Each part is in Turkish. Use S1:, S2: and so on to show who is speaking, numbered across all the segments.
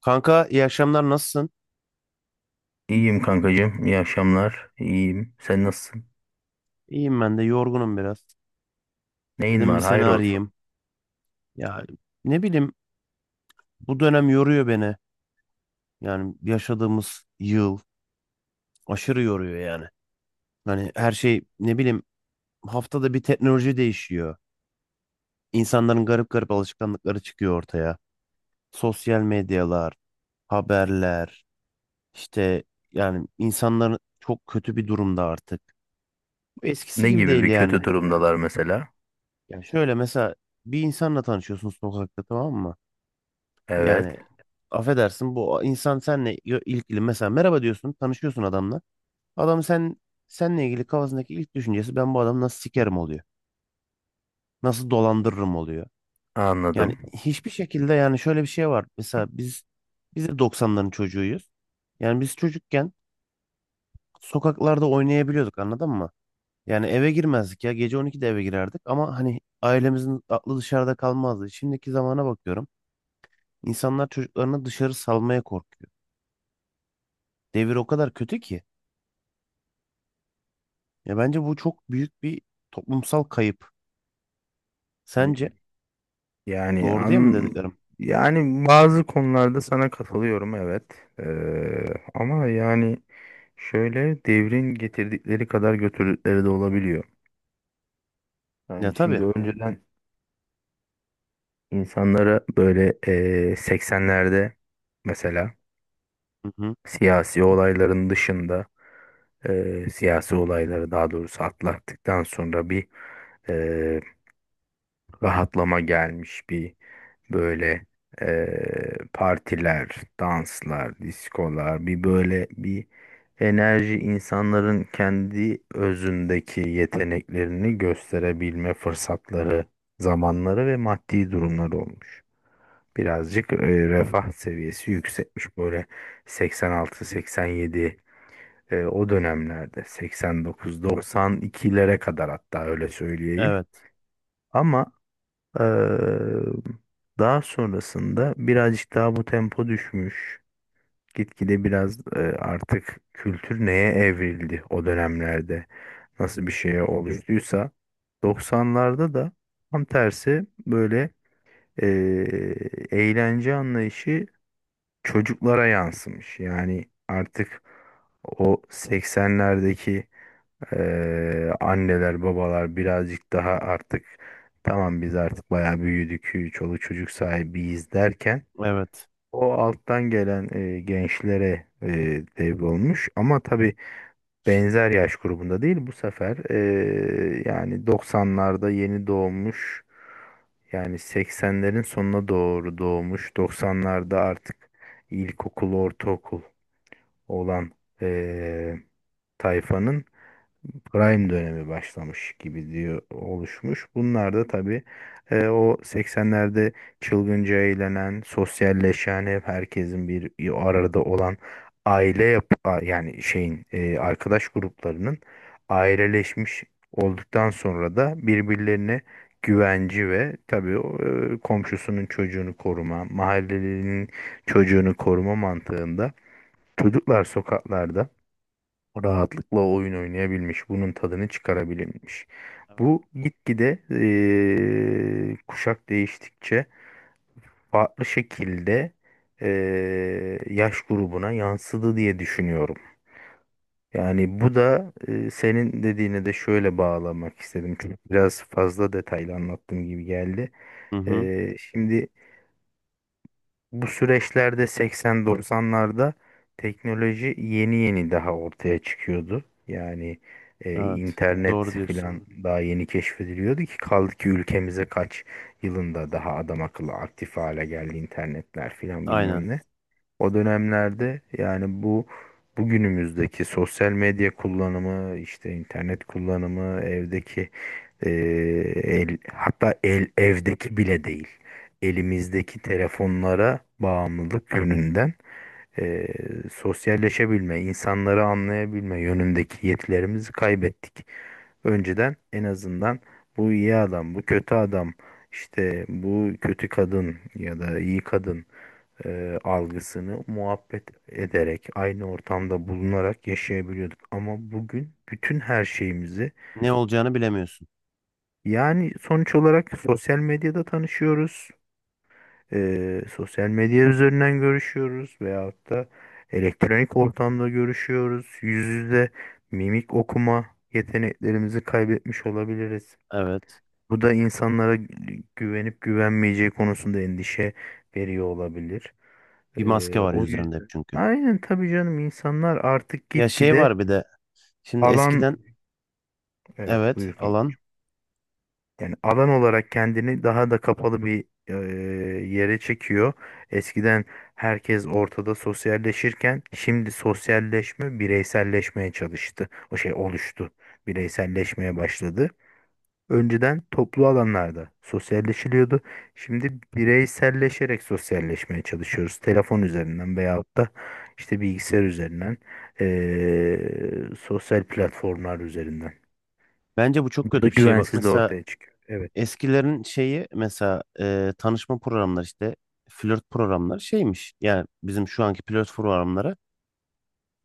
S1: Kanka, iyi akşamlar, nasılsın?
S2: İyiyim kankacığım. İyi akşamlar. İyiyim. Sen nasılsın?
S1: İyiyim, ben de yorgunum biraz.
S2: Neyin
S1: Dedim bir
S2: var?
S1: seni
S2: Hayır olsun.
S1: arayayım. Ya, ne bileyim, bu dönem yoruyor beni. Yani yaşadığımız yıl aşırı yoruyor yani. Hani her şey, ne bileyim, haftada bir teknoloji değişiyor. İnsanların garip garip alışkanlıkları çıkıyor ortaya. Sosyal medyalar, haberler, işte, yani insanların çok kötü bir durumda artık. Eskisi
S2: Ne
S1: gibi
S2: gibi
S1: değil
S2: bir
S1: yani.
S2: kötü durumdalar mesela?
S1: Yani şöyle, mesela bir insanla tanışıyorsun sokakta, tamam mı?
S2: Evet.
S1: Yani affedersin, bu insan senle ilgili, mesela merhaba diyorsun, tanışıyorsun adamla. Adam senle ilgili kafasındaki ilk düşüncesi, ben bu adamı nasıl sikerim, oluyor. Nasıl dolandırırım, oluyor. Yani
S2: Anladım.
S1: hiçbir şekilde, yani şöyle bir şey var. Mesela biz de 90'ların çocuğuyuz. Yani biz çocukken sokaklarda oynayabiliyorduk, anladın mı? Yani eve girmezdik ya, gece 12'de eve girerdik, ama hani ailemizin aklı dışarıda kalmazdı. Şimdiki zamana bakıyorum. İnsanlar çocuklarını dışarı salmaya korkuyor. Devir o kadar kötü ki. Ya bence bu çok büyük bir toplumsal kayıp. Sence
S2: Yani
S1: doğru değil mi dediklerim?
S2: yani bazı konularda sana katılıyorum, evet. Ee, ama yani şöyle, devrin getirdikleri kadar götürdükleri de olabiliyor.
S1: Ya
S2: Yani şimdi
S1: tabii.
S2: önceden insanlara böyle 80'lerde mesela
S1: Hı hı.
S2: siyasi olayların dışında, siyasi olayları daha doğrusu atlattıktan sonra bir e, rahatlama gelmiş, bir böyle e, partiler, danslar, diskolar, bir böyle bir enerji, insanların kendi özündeki yeteneklerini gösterebilme fırsatları, zamanları ve maddi durumları olmuş. Birazcık refah seviyesi yüksekmiş, böyle 86-87, o dönemlerde 89-92'lere kadar, hatta öyle söyleyeyim.
S1: Evet.
S2: Ama e, daha sonrasında birazcık daha bu tempo düşmüş. Gitgide biraz artık kültür neye evrildi o dönemlerde, nasıl bir şeye oluştuysa 90'larda da tam tersi, böyle e, eğlence anlayışı çocuklara yansımış. Yani artık o 80'lerdeki, anneler babalar birazcık daha artık tamam biz artık bayağı büyüdük çoluk çocuk sahibiyiz derken,
S1: Evet.
S2: o alttan gelen gençlere devrolmuş, ama tabii benzer yaş grubunda değil bu sefer, yani 90'larda yeni doğmuş, yani 80'lerin sonuna doğru doğmuş, 90'larda artık ilkokul ortaokul olan e, tayfanın prime dönemi başlamış gibi diyor, oluşmuş. Bunlar da tabii o 80'lerde çılgınca eğlenen, sosyalleşen, hep herkesin bir arada olan yani şeyin, arkadaş gruplarının aileleşmiş olduktan sonra da birbirlerine güvenci ve tabii komşusunun çocuğunu koruma, mahallelinin çocuğunu koruma mantığında çocuklar sokaklarda rahatlıkla oyun oynayabilmiş, bunun tadını çıkarabilmiş. Bu gitgide kuşak değiştikçe farklı şekilde yaş grubuna yansıdı diye düşünüyorum. Yani bu da senin dediğine de şöyle bağlamak istedim. Çünkü biraz fazla detaylı anlattığım gibi geldi.
S1: Hı hı.
S2: Şimdi bu süreçlerde 80-90'larda teknoloji yeni yeni daha ortaya çıkıyordu. Yani
S1: Evet.
S2: internet
S1: Doğru diyorsun.
S2: filan daha yeni keşfediliyordu, ki kaldı ki ülkemize kaç yılında daha adam akıllı aktif hale geldi internetler filan
S1: Aynen.
S2: bilmem ne. O dönemlerde yani bu bugünümüzdeki sosyal medya kullanımı, işte internet kullanımı, evdeki eee, el, hatta el, evdeki bile değil. Elimizdeki telefonlara bağımlılık yönünden eee, sosyalleşebilme, insanları anlayabilme yönündeki yetilerimizi kaybettik. Önceden en azından bu iyi adam, bu kötü adam, işte bu kötü kadın ya da iyi kadın algısını muhabbet ederek, aynı ortamda bulunarak yaşayabiliyorduk. Ama bugün bütün her şeyimizi,
S1: Ne olacağını bilemiyorsun.
S2: yani sonuç olarak, sosyal medyada tanışıyoruz. Sosyal medya üzerinden görüşüyoruz veyahut da elektronik ortamda görüşüyoruz. Yüz yüze mimik okuma yeteneklerimizi kaybetmiş olabiliriz.
S1: Evet.
S2: Bu da insanlara güvenip güvenmeyeceği konusunda endişe veriyor olabilir.
S1: Bir maske var
S2: O
S1: yüzlerinde hep
S2: yüzden.
S1: çünkü.
S2: Aynen tabii canım, insanlar artık
S1: Ya şey
S2: gitgide
S1: var bir de. Şimdi
S2: alan
S1: eskiden
S2: evet,
S1: evet,
S2: buyur kanka.
S1: alan.
S2: Yani alan olarak kendini daha da kapalı bir yere çekiyor. Eskiden herkes ortada sosyalleşirken şimdi sosyalleşme bireyselleşmeye çalıştı. O şey oluştu. Bireyselleşmeye başladı. Önceden toplu alanlarda sosyalleşiliyordu. Şimdi bireyselleşerek sosyalleşmeye çalışıyoruz. Telefon üzerinden veyahut da işte bilgisayar üzerinden, sosyal platformlar üzerinden.
S1: Bence bu çok
S2: Bu da
S1: kötü bir şey. Bak
S2: güvensizliği
S1: mesela,
S2: ortaya çıkıyor. Evet.
S1: eskilerin şeyi, mesela tanışma programları, işte flört programları şeymiş. Yani bizim şu anki flört programları,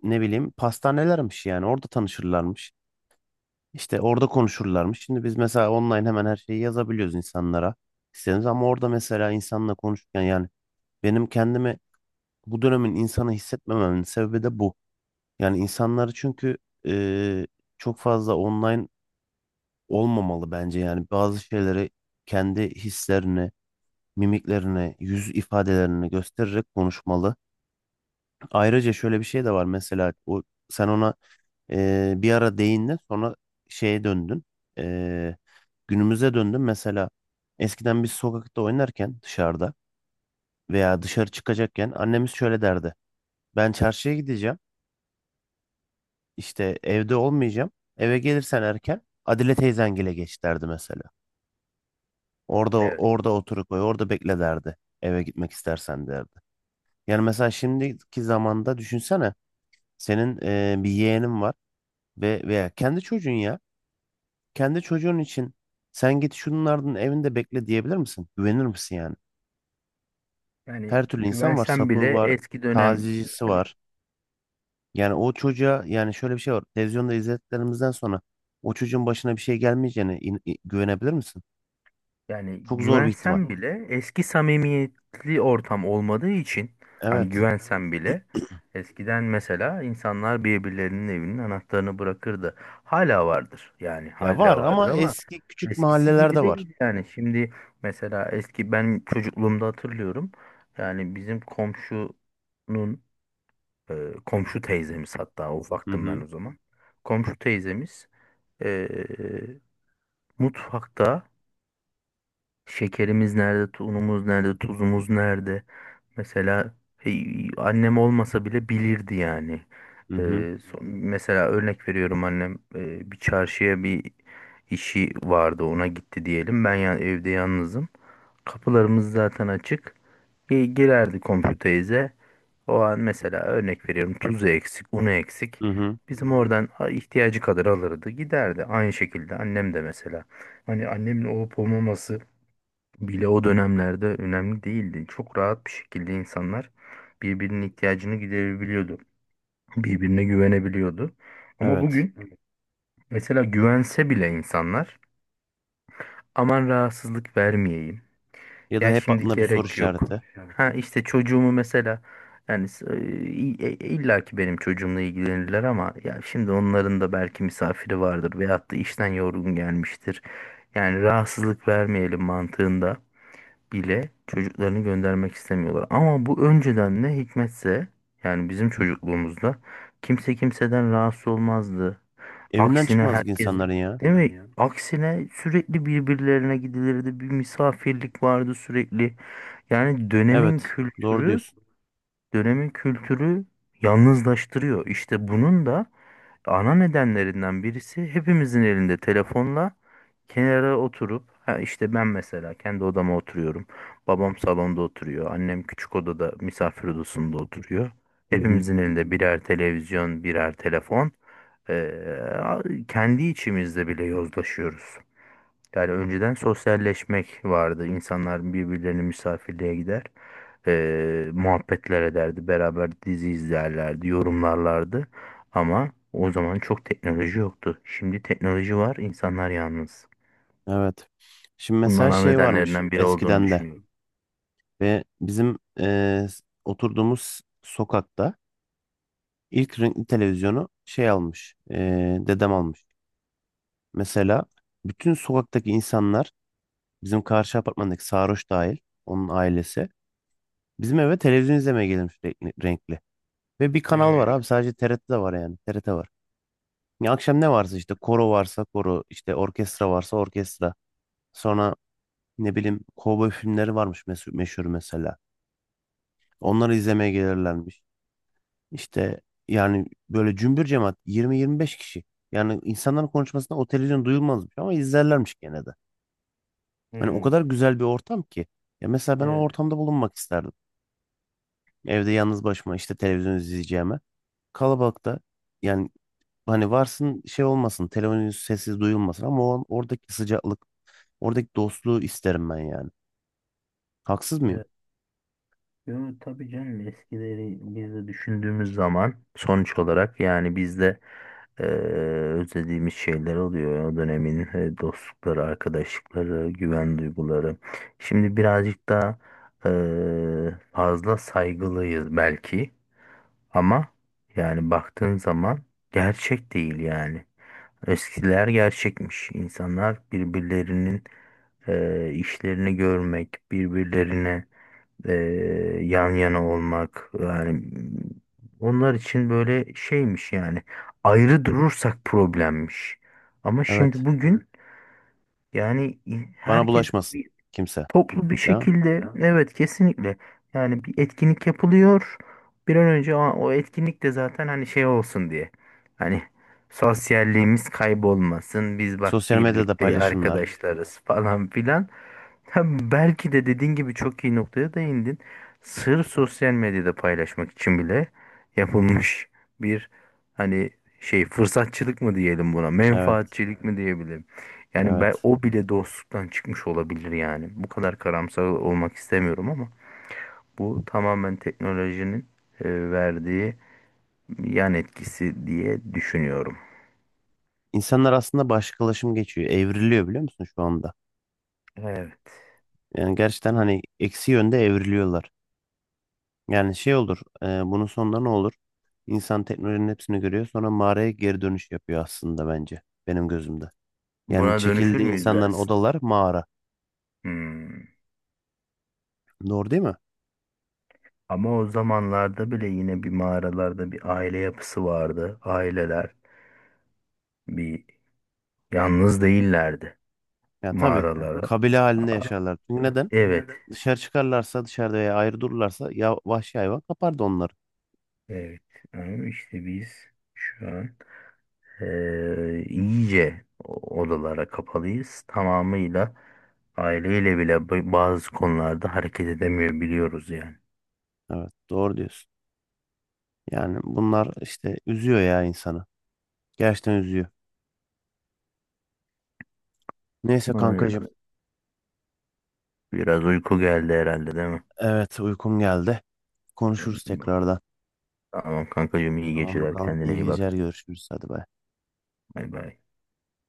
S1: ne bileyim, pastanelermiş, yani orada tanışırlarmış. İşte orada konuşurlarmış. Şimdi biz mesela online hemen her şeyi yazabiliyoruz insanlara. İstediğimiz, ama orada mesela insanla konuşurken, yani benim kendimi bu dönemin insanı hissetmememin sebebi de bu. Yani insanları çünkü e, çok fazla online olmamalı bence. Yani bazı şeyleri, kendi hislerini, mimiklerini, yüz ifadelerini göstererek konuşmalı. Ayrıca şöyle bir şey de var, mesela o sen ona, bir ara değindin, sonra şeye döndün. Ee, Günümüze döndün. Mesela eskiden biz sokakta oynarken dışarıda veya dışarı çıkacakken annemiz şöyle derdi. Ben çarşıya gideceğim, işte evde olmayacağım. Eve gelirsen erken, Adile teyzengile geç, derdi mesela. Orada
S2: Evet.
S1: orada otur, koy orada, bekle derdi. Eve gitmek istersen derdi. Yani mesela şimdiki zamanda düşünsene, senin bir yeğenin var ve veya kendi çocuğun ya. Kendi çocuğun için sen git şunun ardının evinde bekle diyebilir misin? Güvenir misin yani?
S2: Yani
S1: Her türlü insan var.
S2: güvensen
S1: Sapığı
S2: bile,
S1: var.
S2: eski dönem,
S1: Tazicisi
S2: yani
S1: var. Yani o çocuğa, yani şöyle bir şey var. Televizyonda izlediklerimizden sonra o çocuğun başına bir şey gelmeyeceğine güvenebilir misin?
S2: Yani
S1: Çok zor bir ihtimal.
S2: güvensem bile eski samimiyetli ortam olmadığı için, hani
S1: Evet.
S2: güvensem bile, eskiden mesela insanlar birbirlerinin evinin anahtarını bırakırdı. Hala vardır, yani
S1: Ya var,
S2: hala vardır
S1: ama
S2: ama
S1: eski küçük
S2: eskisi
S1: mahallelerde
S2: gibi
S1: var.
S2: değil yani. Şimdi mesela eski, ben çocukluğumda hatırlıyorum yani, bizim komşunun, komşu teyzemiz, hatta
S1: Hı
S2: ufaktım ben
S1: hı.
S2: o zaman. Komşu teyzemiz e, mutfakta şekerimiz nerede, unumuz nerede, tuzumuz nerede? Mesela e, annem olmasa bile bilirdi yani.
S1: Hı hı.
S2: Mesela örnek veriyorum, annem, bir çarşıya bir işi vardı, ona gitti diyelim. Ben ya, evde yalnızım. Kapılarımız zaten açık. Girerdi komşu teyze. O an mesela örnek veriyorum, tuzu eksik, unu eksik.
S1: Hı hı.
S2: Bizim oradan ihtiyacı kadar alırdı, giderdi. Aynı şekilde annem de mesela. Hani annemin olup olmaması bile o dönemlerde önemli değildi. Çok rahat bir şekilde insanlar birbirinin ihtiyacını giderebiliyordu. Birbirine güvenebiliyordu. Ama
S1: Evet.
S2: bugün mesela güvense bile insanlar, aman rahatsızlık vermeyeyim.
S1: Ya da
S2: Ya
S1: hep
S2: şimdi
S1: aklında bir soru
S2: gerek yok.
S1: işareti.
S2: Ha işte çocuğumu mesela, yani illa ki benim çocuğumla ilgilenirler, ama ya şimdi onların da belki misafiri vardır veyahut da işten yorgun gelmiştir. Yani rahatsızlık vermeyelim mantığında bile çocuklarını göndermek istemiyorlar. Ama bu önceden ne hikmetse, yani bizim çocukluğumuzda kimse kimseden rahatsız olmazdı.
S1: Evinden
S2: Aksine,
S1: çıkmazlık
S2: herkes,
S1: insanların ya.
S2: değil mi? Ya? Aksine sürekli birbirlerine gidilirdi. Bir misafirlik vardı sürekli. Yani dönemin
S1: Evet. Doğru
S2: kültürü
S1: diyorsun.
S2: dönemin kültürü yalnızlaştırıyor. İşte bunun da ana nedenlerinden birisi, hepimizin elinde telefonla kenara oturup, ha işte ben mesela kendi odama oturuyorum. Babam salonda oturuyor. Annem küçük odada, misafir odasında oturuyor.
S1: Hı hı.
S2: Hepimizin elinde birer televizyon, birer telefon. Ee, Kendi içimizde bile yozlaşıyoruz. Yani önceden sosyalleşmek vardı. İnsanlar birbirlerine misafirliğe gider, muhabbetler ederdi. Beraber dizi izlerlerdi. Yorumlarlardı. Ama o zaman çok teknoloji yoktu. Şimdi teknoloji var, insanlar yalnız.
S1: Evet. Şimdi
S2: Bunun
S1: mesela
S2: ana
S1: şey varmış
S2: nedenlerinden biri olduğunu
S1: eskiden de,
S2: düşünüyorum.
S1: ve bizim oturduğumuz sokakta ilk renkli televizyonu şey almış, dedem almış. Mesela bütün sokaktaki insanlar, bizim karşı apartmandaki Sarhoş dahil, onun ailesi, bizim eve televizyon izlemeye gelmiş renkli. Renkli. Ve bir kanal var
S2: Hmm,
S1: abi, sadece TRT'de var, yani TRT var. Ya akşam ne varsa, işte koro varsa koro, işte orkestra varsa orkestra. Sonra ne bileyim, kovboy filmleri varmış meşhur, meşhur mesela. Onları izlemeye gelirlermiş. İşte, yani böyle cümbür cemaat 20-25 kişi. Yani insanların konuşmasında o televizyon duyulmazmış, ama izlerlermiş gene de. Hani o
S2: hmm.
S1: kadar güzel bir ortam ki. Ya mesela ben o
S2: Evet,
S1: ortamda bulunmak isterdim. Evde yalnız başıma işte televizyon izleyeceğime. Kalabalıkta, yani hani varsın şey olmasın, televizyon sessiz duyulmasın, ama o oradaki sıcaklık, oradaki dostluğu isterim ben yani. Haksız mıyım?
S2: evet. Yo, tabii canım, eskileri biz de düşündüğümüz zaman sonuç olarak yani, biz de eee, özlediğimiz şeyler oluyor. O dönemin dostlukları, arkadaşlıkları, güven duyguları. Şimdi birazcık daha fazla saygılıyız belki, ama yani baktığın zaman gerçek değil yani. Eskiler gerçekmiş. İnsanlar birbirlerinin işlerini görmek, birbirlerine e, yan yana olmak, yani onlar için böyle şeymiş yani, ayrı durursak problemmiş. Ama
S1: Evet.
S2: şimdi bugün, yani
S1: Bana
S2: herkes
S1: bulaşmasın kimse.
S2: toplu bir
S1: Değil mi?
S2: şekilde, evet, kesinlikle, yani bir etkinlik yapılıyor, bir an önce o etkinlik de zaten, hani şey olsun diye, hani sosyalliğimiz kaybolmasın, biz bak
S1: Sosyal medyada
S2: birlikte
S1: paylaşımlar.
S2: arkadaşlarız, falan filan. Ha, belki de dediğin gibi, çok iyi noktaya değindin, sırf sosyal medyada paylaşmak için bile yapılmış bir, hani şey, fırsatçılık mı diyelim buna,
S1: Evet,
S2: menfaatçilik mi diyebilirim, yani ben
S1: evet.
S2: o bile dostluktan çıkmış olabilir yani. Bu kadar karamsar olmak istemiyorum, ama bu tamamen teknolojinin verdiği yan etkisi diye düşünüyorum.
S1: İnsanlar aslında başkalaşım geçiyor. Evriliyor, biliyor musun şu anda?
S2: Evet.
S1: Yani gerçekten hani eksi yönde evriliyorlar. Yani şey olur, bunun sonunda ne olur? İnsan teknolojinin hepsini görüyor, sonra mağaraya geri dönüş yapıyor aslında bence, benim gözümde. Yani
S2: Buna dönüşür
S1: çekildiği
S2: müyüz
S1: insanların
S2: dersin?
S1: odalar mağara.
S2: Hmm.
S1: Doğru değil mi?
S2: Ama o zamanlarda bile yine bir mağaralarda bir aile yapısı vardı. Aileler bir yalnız değillerdi
S1: Ya tabii.
S2: mağaralara.
S1: Kabile halinde yaşarlar. Çünkü neden?
S2: Evet.
S1: Dışarı çıkarlarsa, dışarıda veya ayrı dururlarsa ya vahşi hayvan kapardı onları.
S2: Evet. Ama işte biz şu an iyice odalara kapalıyız. Tamamıyla aileyle bile bazı konularda hareket edemiyor biliyoruz yani.
S1: Evet, doğru diyorsun. Yani bunlar işte üzüyor ya insanı. Gerçekten üzüyor. Neyse kankacığım.
S2: Ay, biraz uyku geldi herhalde, değil mi?
S1: Evet uykum geldi. Konuşuruz
S2: Ee,
S1: tekrardan.
S2: Tamam kankacığım, iyi
S1: Tamam
S2: geceler,
S1: bakalım.
S2: kendine
S1: İyi
S2: iyi bak.
S1: geceler, görüşürüz. Hadi bay.
S2: Bay bay.